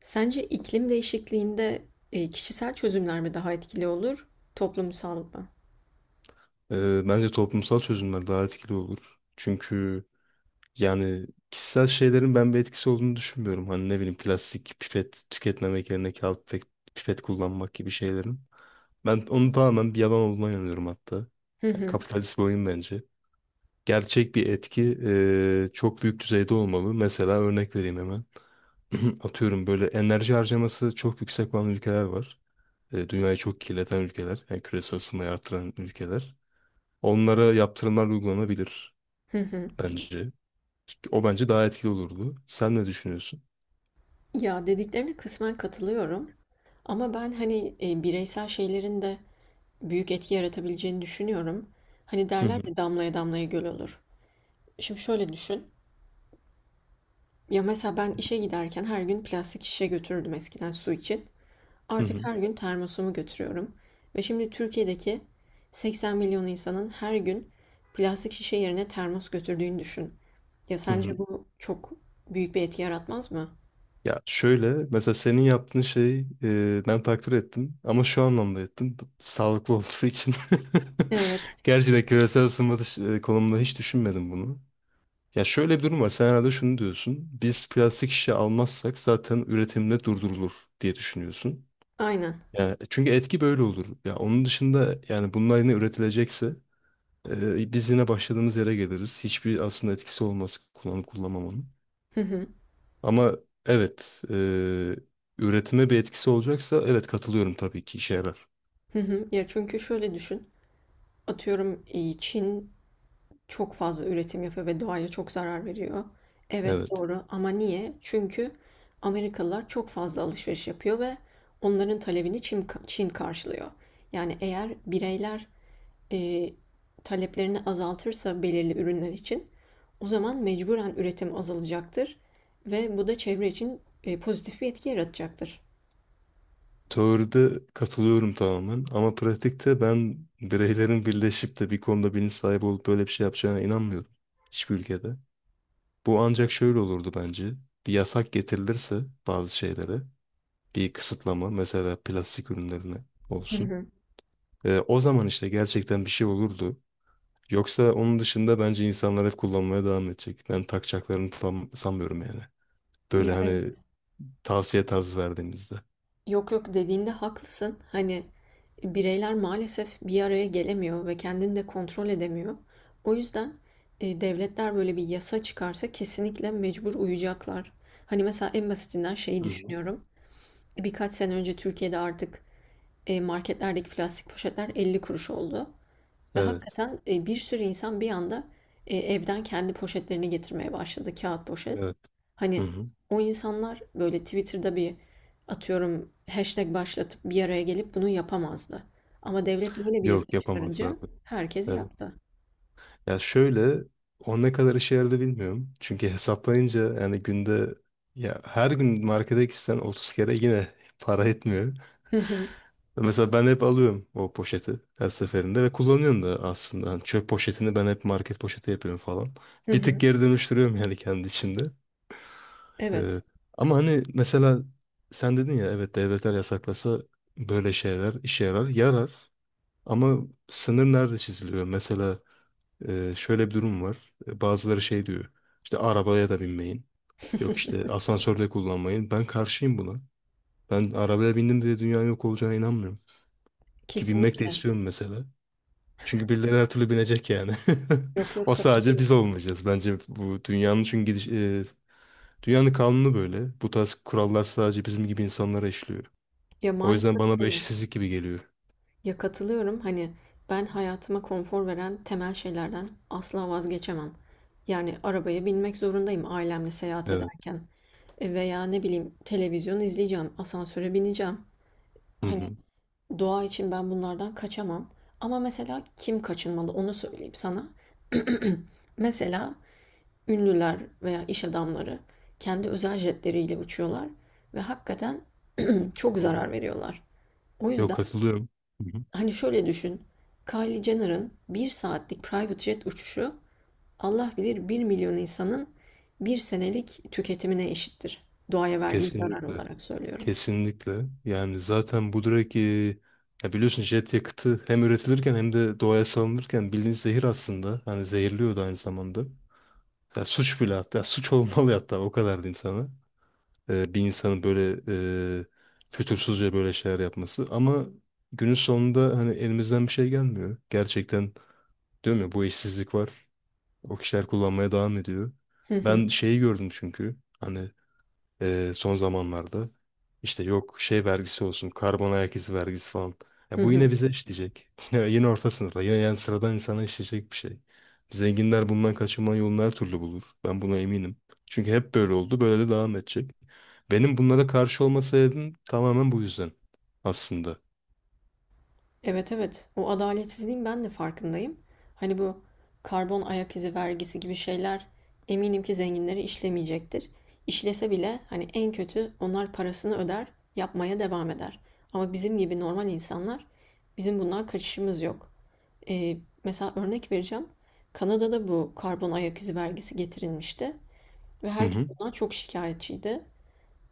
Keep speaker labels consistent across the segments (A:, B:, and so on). A: Sence iklim değişikliğinde, kişisel çözümler mi daha etkili olur, toplumsal mı?
B: Bence toplumsal çözümler daha etkili olur. Çünkü yani kişisel şeylerin ben bir etkisi olduğunu düşünmüyorum. Hani ne bileyim plastik pipet tüketmemek yerine kağıt pipet, kullanmak gibi şeylerin. Ben onun tamamen bir yalan olduğuna inanıyorum hatta.
A: Hı
B: Yani
A: hı.
B: kapitalist bir oyun bence. Gerçek bir etki çok büyük düzeyde olmalı. Mesela örnek vereyim hemen. Atıyorum böyle enerji harcaması çok yüksek olan ülkeler var. Dünyayı çok kirleten ülkeler. Yani küresel ısınmayı artıran ülkeler. Onlara yaptırımlar uygulanabilir
A: Hı hı.
B: bence. O bence daha etkili olurdu. Sen ne düşünüyorsun?
A: Ya, dediklerine kısmen katılıyorum ama ben, hani, bireysel şeylerin de büyük etki yaratabileceğini düşünüyorum. Hani,
B: Hı
A: derler
B: hı,
A: ya, "Damlaya damlaya göl olur." Şimdi şöyle düşün, ya, mesela ben işe giderken her gün plastik şişe götürürdüm eskiden su için.
B: hı
A: Artık
B: hı,
A: her gün termosumu götürüyorum ve şimdi Türkiye'deki 80 milyon insanın her gün plastik şişe yerine termos götürdüğünü düşün. Ya
B: hı hı.
A: sence bu çok büyük bir etki yaratmaz mı?
B: Ya şöyle mesela senin yaptığın şey ben takdir ettim ama şu anlamda ettim. Sağlıklı olduğu için.
A: Evet.
B: Gerçi de küresel ısınma konumunda hiç düşünmedim bunu. Ya şöyle bir durum var. Sen herhalde şunu diyorsun. Biz plastik şişe almazsak zaten üretimde durdurulur diye düşünüyorsun.
A: Aynen.
B: Yani çünkü etki böyle olur. Ya onun dışında yani bunlar yine üretilecekse biz yine başladığımız yere geliriz. Hiçbir aslında etkisi olmaz kullanıp kullanmamanın.
A: Hı hı.
B: Ama evet, üretime bir etkisi olacaksa evet katılıyorum tabii ki işe yarar.
A: Hı hı. Ya çünkü şöyle düşün. Atıyorum Çin çok fazla üretim yapıyor ve doğaya çok zarar veriyor. Evet
B: Evet.
A: doğru ama niye? Çünkü Amerikalılar çok fazla alışveriş yapıyor ve onların talebini Çin karşılıyor. Yani eğer bireyler e, taleplerini azaltırsa belirli ürünler için o zaman mecburen üretim azalacaktır ve bu da çevre için pozitif bir etki yaratacaktır.
B: Teoride katılıyorum tamamen ama pratikte ben bireylerin birleşip de bir konuda bilinç sahibi olup böyle bir şey yapacağına inanmıyorum. Hiçbir ülkede. Bu ancak şöyle olurdu bence. Bir yasak getirilirse bazı şeylere bir kısıtlama mesela plastik ürünlerine
A: Hı
B: olsun.
A: hı.
B: O zaman işte gerçekten bir şey olurdu. Yoksa onun dışında bence insanlar hep kullanmaya devam edecek. Ben takacaklarını tam sanmıyorum yani. Böyle
A: Ya
B: hani
A: evet.
B: tavsiye tarzı verdiğimizde.
A: Yok yok dediğinde haklısın. Hani bireyler maalesef bir araya gelemiyor ve kendini de kontrol edemiyor. O yüzden devletler böyle bir yasa çıkarsa kesinlikle mecbur uyacaklar. Hani mesela en basitinden şeyi
B: Hı hı.
A: düşünüyorum. Birkaç sene önce Türkiye'de artık marketlerdeki plastik poşetler 50 kuruş oldu. Ve
B: Evet,
A: hakikaten bir sürü insan bir anda evden kendi poşetlerini getirmeye başladı. Kağıt poşet.
B: evet. Hı
A: Hani
B: hı.
A: o insanlar böyle Twitter'da bir atıyorum hashtag başlatıp bir araya gelip bunu yapamazdı. Ama devlet böyle bir yasa
B: Yok
A: çıkarınca
B: yapamazlardı.
A: herkes
B: Evet.
A: yaptı.
B: Ya şöyle o ne kadar işe yaradı bilmiyorum. Çünkü hesaplayınca yani günde ya her gün markete gitsen 30 kere yine para etmiyor.
A: Hı hı,
B: Mesela ben hep alıyorum o poşeti her seferinde ve kullanıyorum da aslında. Hani çöp poşetini ben hep market poşeti yapıyorum falan.
A: hı
B: Bir tık
A: hı.
B: geri dönüştürüyorum yani kendi içinde.
A: Evet,
B: Ee, Ama hani mesela sen dedin ya evet devletler yasaklasa böyle şeyler işe yarar. Yarar ama sınır nerede çiziliyor? Mesela şöyle bir durum var. Bazıları şey diyor. İşte arabaya da binmeyin. Yok işte asansörde kullanmayın. Ben karşıyım buna. Ben arabaya bindim diye dünyanın yok olacağına inanmıyorum. Ki binmek de
A: kesinlikle.
B: istiyorum mesela. Çünkü birileri her türlü binecek yani.
A: Yok yok
B: O sadece biz
A: katılıyorum.
B: olmayacağız. Bence bu dünyanın çünkü dünyanın kanunu böyle. Bu tarz kurallar sadece bizim gibi insanlara işliyor.
A: Ya
B: O yüzden
A: maalesef
B: bana bir
A: öyle.
B: eşitsizlik gibi geliyor.
A: Ya katılıyorum hani ben hayatıma konfor veren temel şeylerden asla vazgeçemem. Yani arabaya binmek zorundayım ailemle seyahat
B: Evet.
A: ederken. E, veya ne bileyim televizyon izleyeceğim, asansöre bineceğim.
B: Hı
A: Hani
B: hı. Hı
A: doğa için ben bunlardan kaçamam. Ama mesela kim kaçınmalı onu söyleyeyim sana. Mesela ünlüler veya iş adamları kendi özel jetleriyle uçuyorlar ve hakikaten çok
B: hı.
A: zarar veriyorlar. O
B: Yok
A: yüzden
B: katılıyorum. Hı hı.
A: hani şöyle düşün. Kylie Jenner'ın bir saatlik private jet uçuşu Allah bilir bir milyon insanın bir senelik tüketimine eşittir. Doğaya verdiği zarar
B: Kesinlikle.
A: olarak söylüyorum.
B: Kesinlikle. Yani zaten bu direkt ya biliyorsun jet yakıtı hem üretilirken hem de doğaya salınırken bildiğiniz zehir aslında. Hani zehirliyor da aynı zamanda. Ya suç bile hatta suç olmalı hatta o kadar diyeyim sana. Bir insanın böyle e, fütursuzca böyle şeyler yapması. Ama günün sonunda hani elimizden bir şey gelmiyor. Gerçekten diyorum ya bu işsizlik var. O kişiler kullanmaya devam ediyor.
A: Hı hı,
B: Ben şeyi gördüm çünkü. Hani son zamanlarda. İşte yok şey vergisi olsun, karbon ayak izi vergisi falan. Ya
A: hı
B: bu yine
A: hı.
B: bize işleyecek. Yine, orta sınıfa, yine yani sıradan insana işleyecek bir şey. Zenginler bundan kaçınma yolunu her türlü bulur. Ben buna eminim. Çünkü hep böyle oldu, böyle de devam edecek. Benim bunlara karşı olma sebebim tamamen bu yüzden aslında.
A: Evet evet. O adaletsizliğin ben de farkındayım. Hani bu karbon ayak izi vergisi gibi şeyler eminim ki zenginleri işlemeyecektir. İşlese bile hani en kötü onlar parasını öder, yapmaya devam eder. Ama bizim gibi normal insanlar bizim bundan kaçışımız yok. E, mesela örnek vereceğim. Kanada'da bu karbon ayak izi vergisi getirilmişti ve
B: Hı
A: herkes
B: hı.
A: bundan çok şikayetçiydi.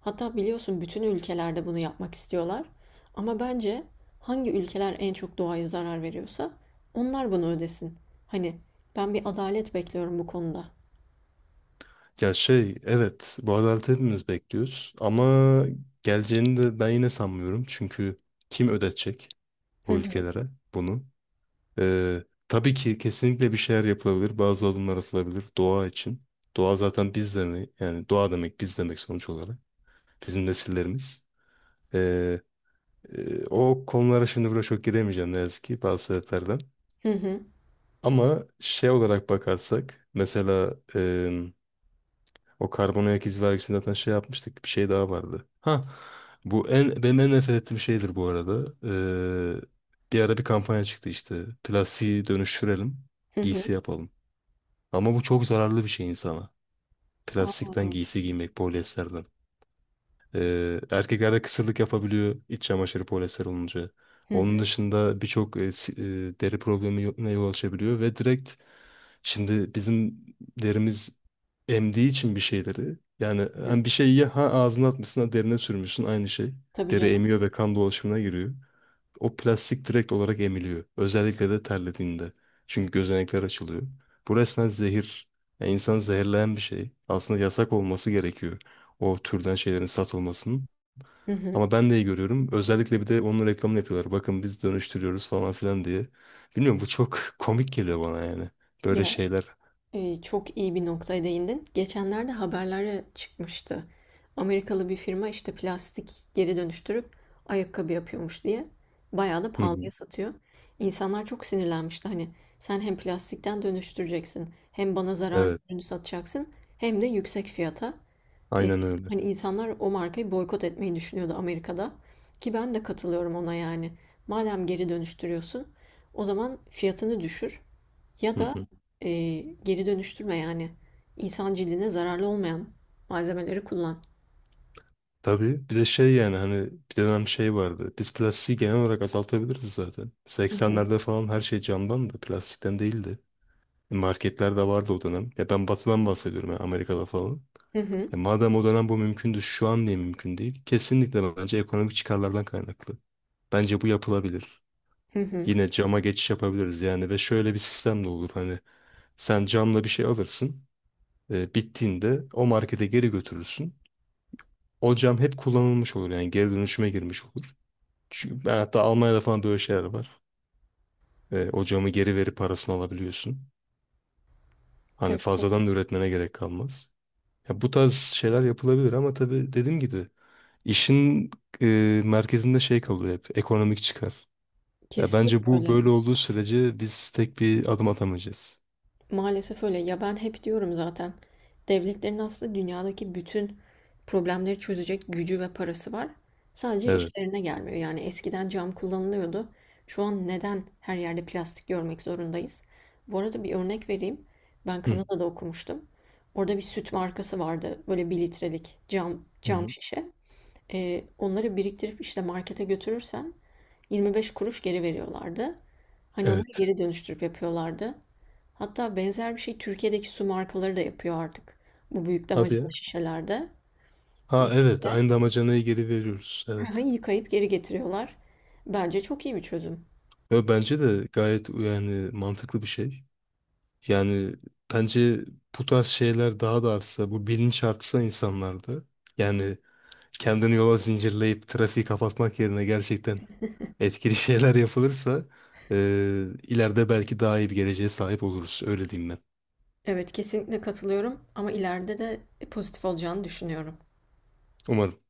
A: Hatta biliyorsun bütün ülkelerde bunu yapmak istiyorlar. Ama bence hangi ülkeler en çok doğaya zarar veriyorsa onlar bunu ödesin. Hani ben bir adalet bekliyorum bu konuda.
B: Ya şey, evet bu adaleti hepimiz bekliyoruz ama geleceğini de ben yine sanmıyorum. Çünkü kim ödetecek
A: Hı
B: o
A: hı,
B: ülkelere bunu? Tabii ki kesinlikle bir şeyler yapılabilir. Bazı adımlar atılabilir doğa için. Doğa zaten biz demek. Yani doğa demek biz demek sonuç olarak. Bizim nesillerimiz. Ee, O konulara şimdi burada çok giremeyeceğim ne yazık ki bazı sebeplerden.
A: hı hı,
B: Ama şey olarak bakarsak mesela o karbon ayak izi vergisini zaten şey yapmıştık. Bir şey daha vardı. Ha bu benim en nefret ettiğim şeydir bu arada. Bir ara bir kampanya çıktı işte. Plastiği dönüştürelim.
A: hı hı.
B: Giysi yapalım. Ama bu çok zararlı bir şey insana.
A: Aa,
B: Plastikten giysi giymek, polyesterden. Erkeklerde kısırlık yapabiliyor iç çamaşırı polyester olunca.
A: hı
B: Onun
A: hı,
B: dışında birçok deri problemine yol açabiliyor ve direkt şimdi bizim derimiz emdiği için bir şeyleri yani
A: hı.
B: hem bir şeyi ya ha ağzına atmışsın ha derine sürmüşsün aynı şey.
A: Tabii
B: Deri
A: canım.
B: emiyor ve kan dolaşımına giriyor. O plastik direkt olarak emiliyor. Özellikle de terlediğinde. Çünkü gözenekler açılıyor. Bu resmen zehir. Yani insanı zehirleyen bir şey. Aslında yasak olması gerekiyor. O türden şeylerin satılmasının.
A: Hı hı.
B: Ama ben de iyi görüyorum. Özellikle bir de onun reklamını yapıyorlar. Bakın biz dönüştürüyoruz falan filan diye. Bilmiyorum bu çok komik geliyor bana yani. Böyle
A: Ya
B: şeyler.
A: Çok iyi bir noktaya değindin. Geçenlerde haberlere çıkmıştı. Amerikalı bir firma işte plastik geri dönüştürüp ayakkabı yapıyormuş diye. Bayağı da
B: Hı
A: pahalıya
B: hı.
A: satıyor. İnsanlar çok sinirlenmişti. Hani sen hem plastikten dönüştüreceksin, hem bana zararlı
B: Evet.
A: ürünü satacaksın, hem de yüksek fiyata. Eee,
B: Aynen öyle.
A: hani insanlar o markayı boykot etmeyi düşünüyordu Amerika'da. Ki ben de katılıyorum ona yani. Madem geri dönüştürüyorsun, o zaman fiyatını düşür. Ya
B: Hı
A: da
B: hı.
A: e, geri dönüştürme yani insan cildine zararlı olmayan malzemeleri kullan.
B: Tabii. Bir de şey yani hani bir dönem şey vardı. Biz plastiği genel olarak azaltabiliriz zaten.
A: Hı hı.
B: 80'lerde falan her şey camdan da plastikten değildi. Marketlerde vardı o dönem. Ya ben batıdan bahsediyorum ya Amerika'da falan.
A: Hı hı.
B: E madem o dönem bu mümkündü şu an niye mümkün değil? Kesinlikle bence ekonomik çıkarlardan kaynaklı. Bence bu yapılabilir.
A: Hı hı.
B: Yine cama geçiş yapabiliriz yani ve şöyle bir sistem de olur hani sen camla bir şey alırsın. Bittiğinde o markete geri götürürsün. O cam hep kullanılmış olur yani geri dönüşüme girmiş olur. Çünkü ben hatta Almanya'da falan böyle şeyler var. O camı geri verip parasını alabiliyorsun. Hani
A: Evet, evet.
B: fazladan da üretmene gerek kalmaz. Ya bu tarz şeyler yapılabilir ama tabii dediğim gibi işin e, merkezinde şey kalıyor hep ekonomik çıkar. Ya
A: Kesinlikle
B: bence bu
A: öyle.
B: böyle olduğu sürece biz tek bir adım atamayacağız.
A: Maalesef öyle. Ya ben hep diyorum zaten. Devletlerin aslında dünyadaki bütün problemleri çözecek gücü ve parası var. Sadece
B: Evet.
A: işlerine gelmiyor. Yani eskiden cam kullanılıyordu. Şu an neden her yerde plastik görmek zorundayız? Bu arada bir örnek vereyim. Ben
B: Hı.
A: Kanada'da okumuştum. Orada bir süt markası vardı. Böyle bir litrelik cam
B: Hı
A: cam
B: hı.
A: şişe. Onları biriktirip işte markete götürürsen 25 kuruş geri veriyorlardı. Hani onları
B: Evet.
A: geri dönüştürüp yapıyorlardı. Hatta benzer bir şey Türkiye'deki su markaları da yapıyor artık. Bu büyük
B: Hadi ya.
A: damacana şişelerde. Ya
B: Ha evet aynı damacanayı geri veriyoruz.
A: şöyle,
B: Evet.
A: yıkayıp geri getiriyorlar. Bence çok iyi bir çözüm.
B: Ve bence de gayet yani mantıklı bir şey. Yani bence bu tarz şeyler daha da artsa, bu bilinç artsa insanlarda, yani kendini yola zincirleyip trafiği kapatmak yerine gerçekten etkili şeyler yapılırsa, eee, ileride belki daha iyi bir geleceğe sahip oluruz. Öyle diyeyim ben.
A: Evet, kesinlikle katılıyorum ama ileride de pozitif olacağını düşünüyorum.
B: Umarım.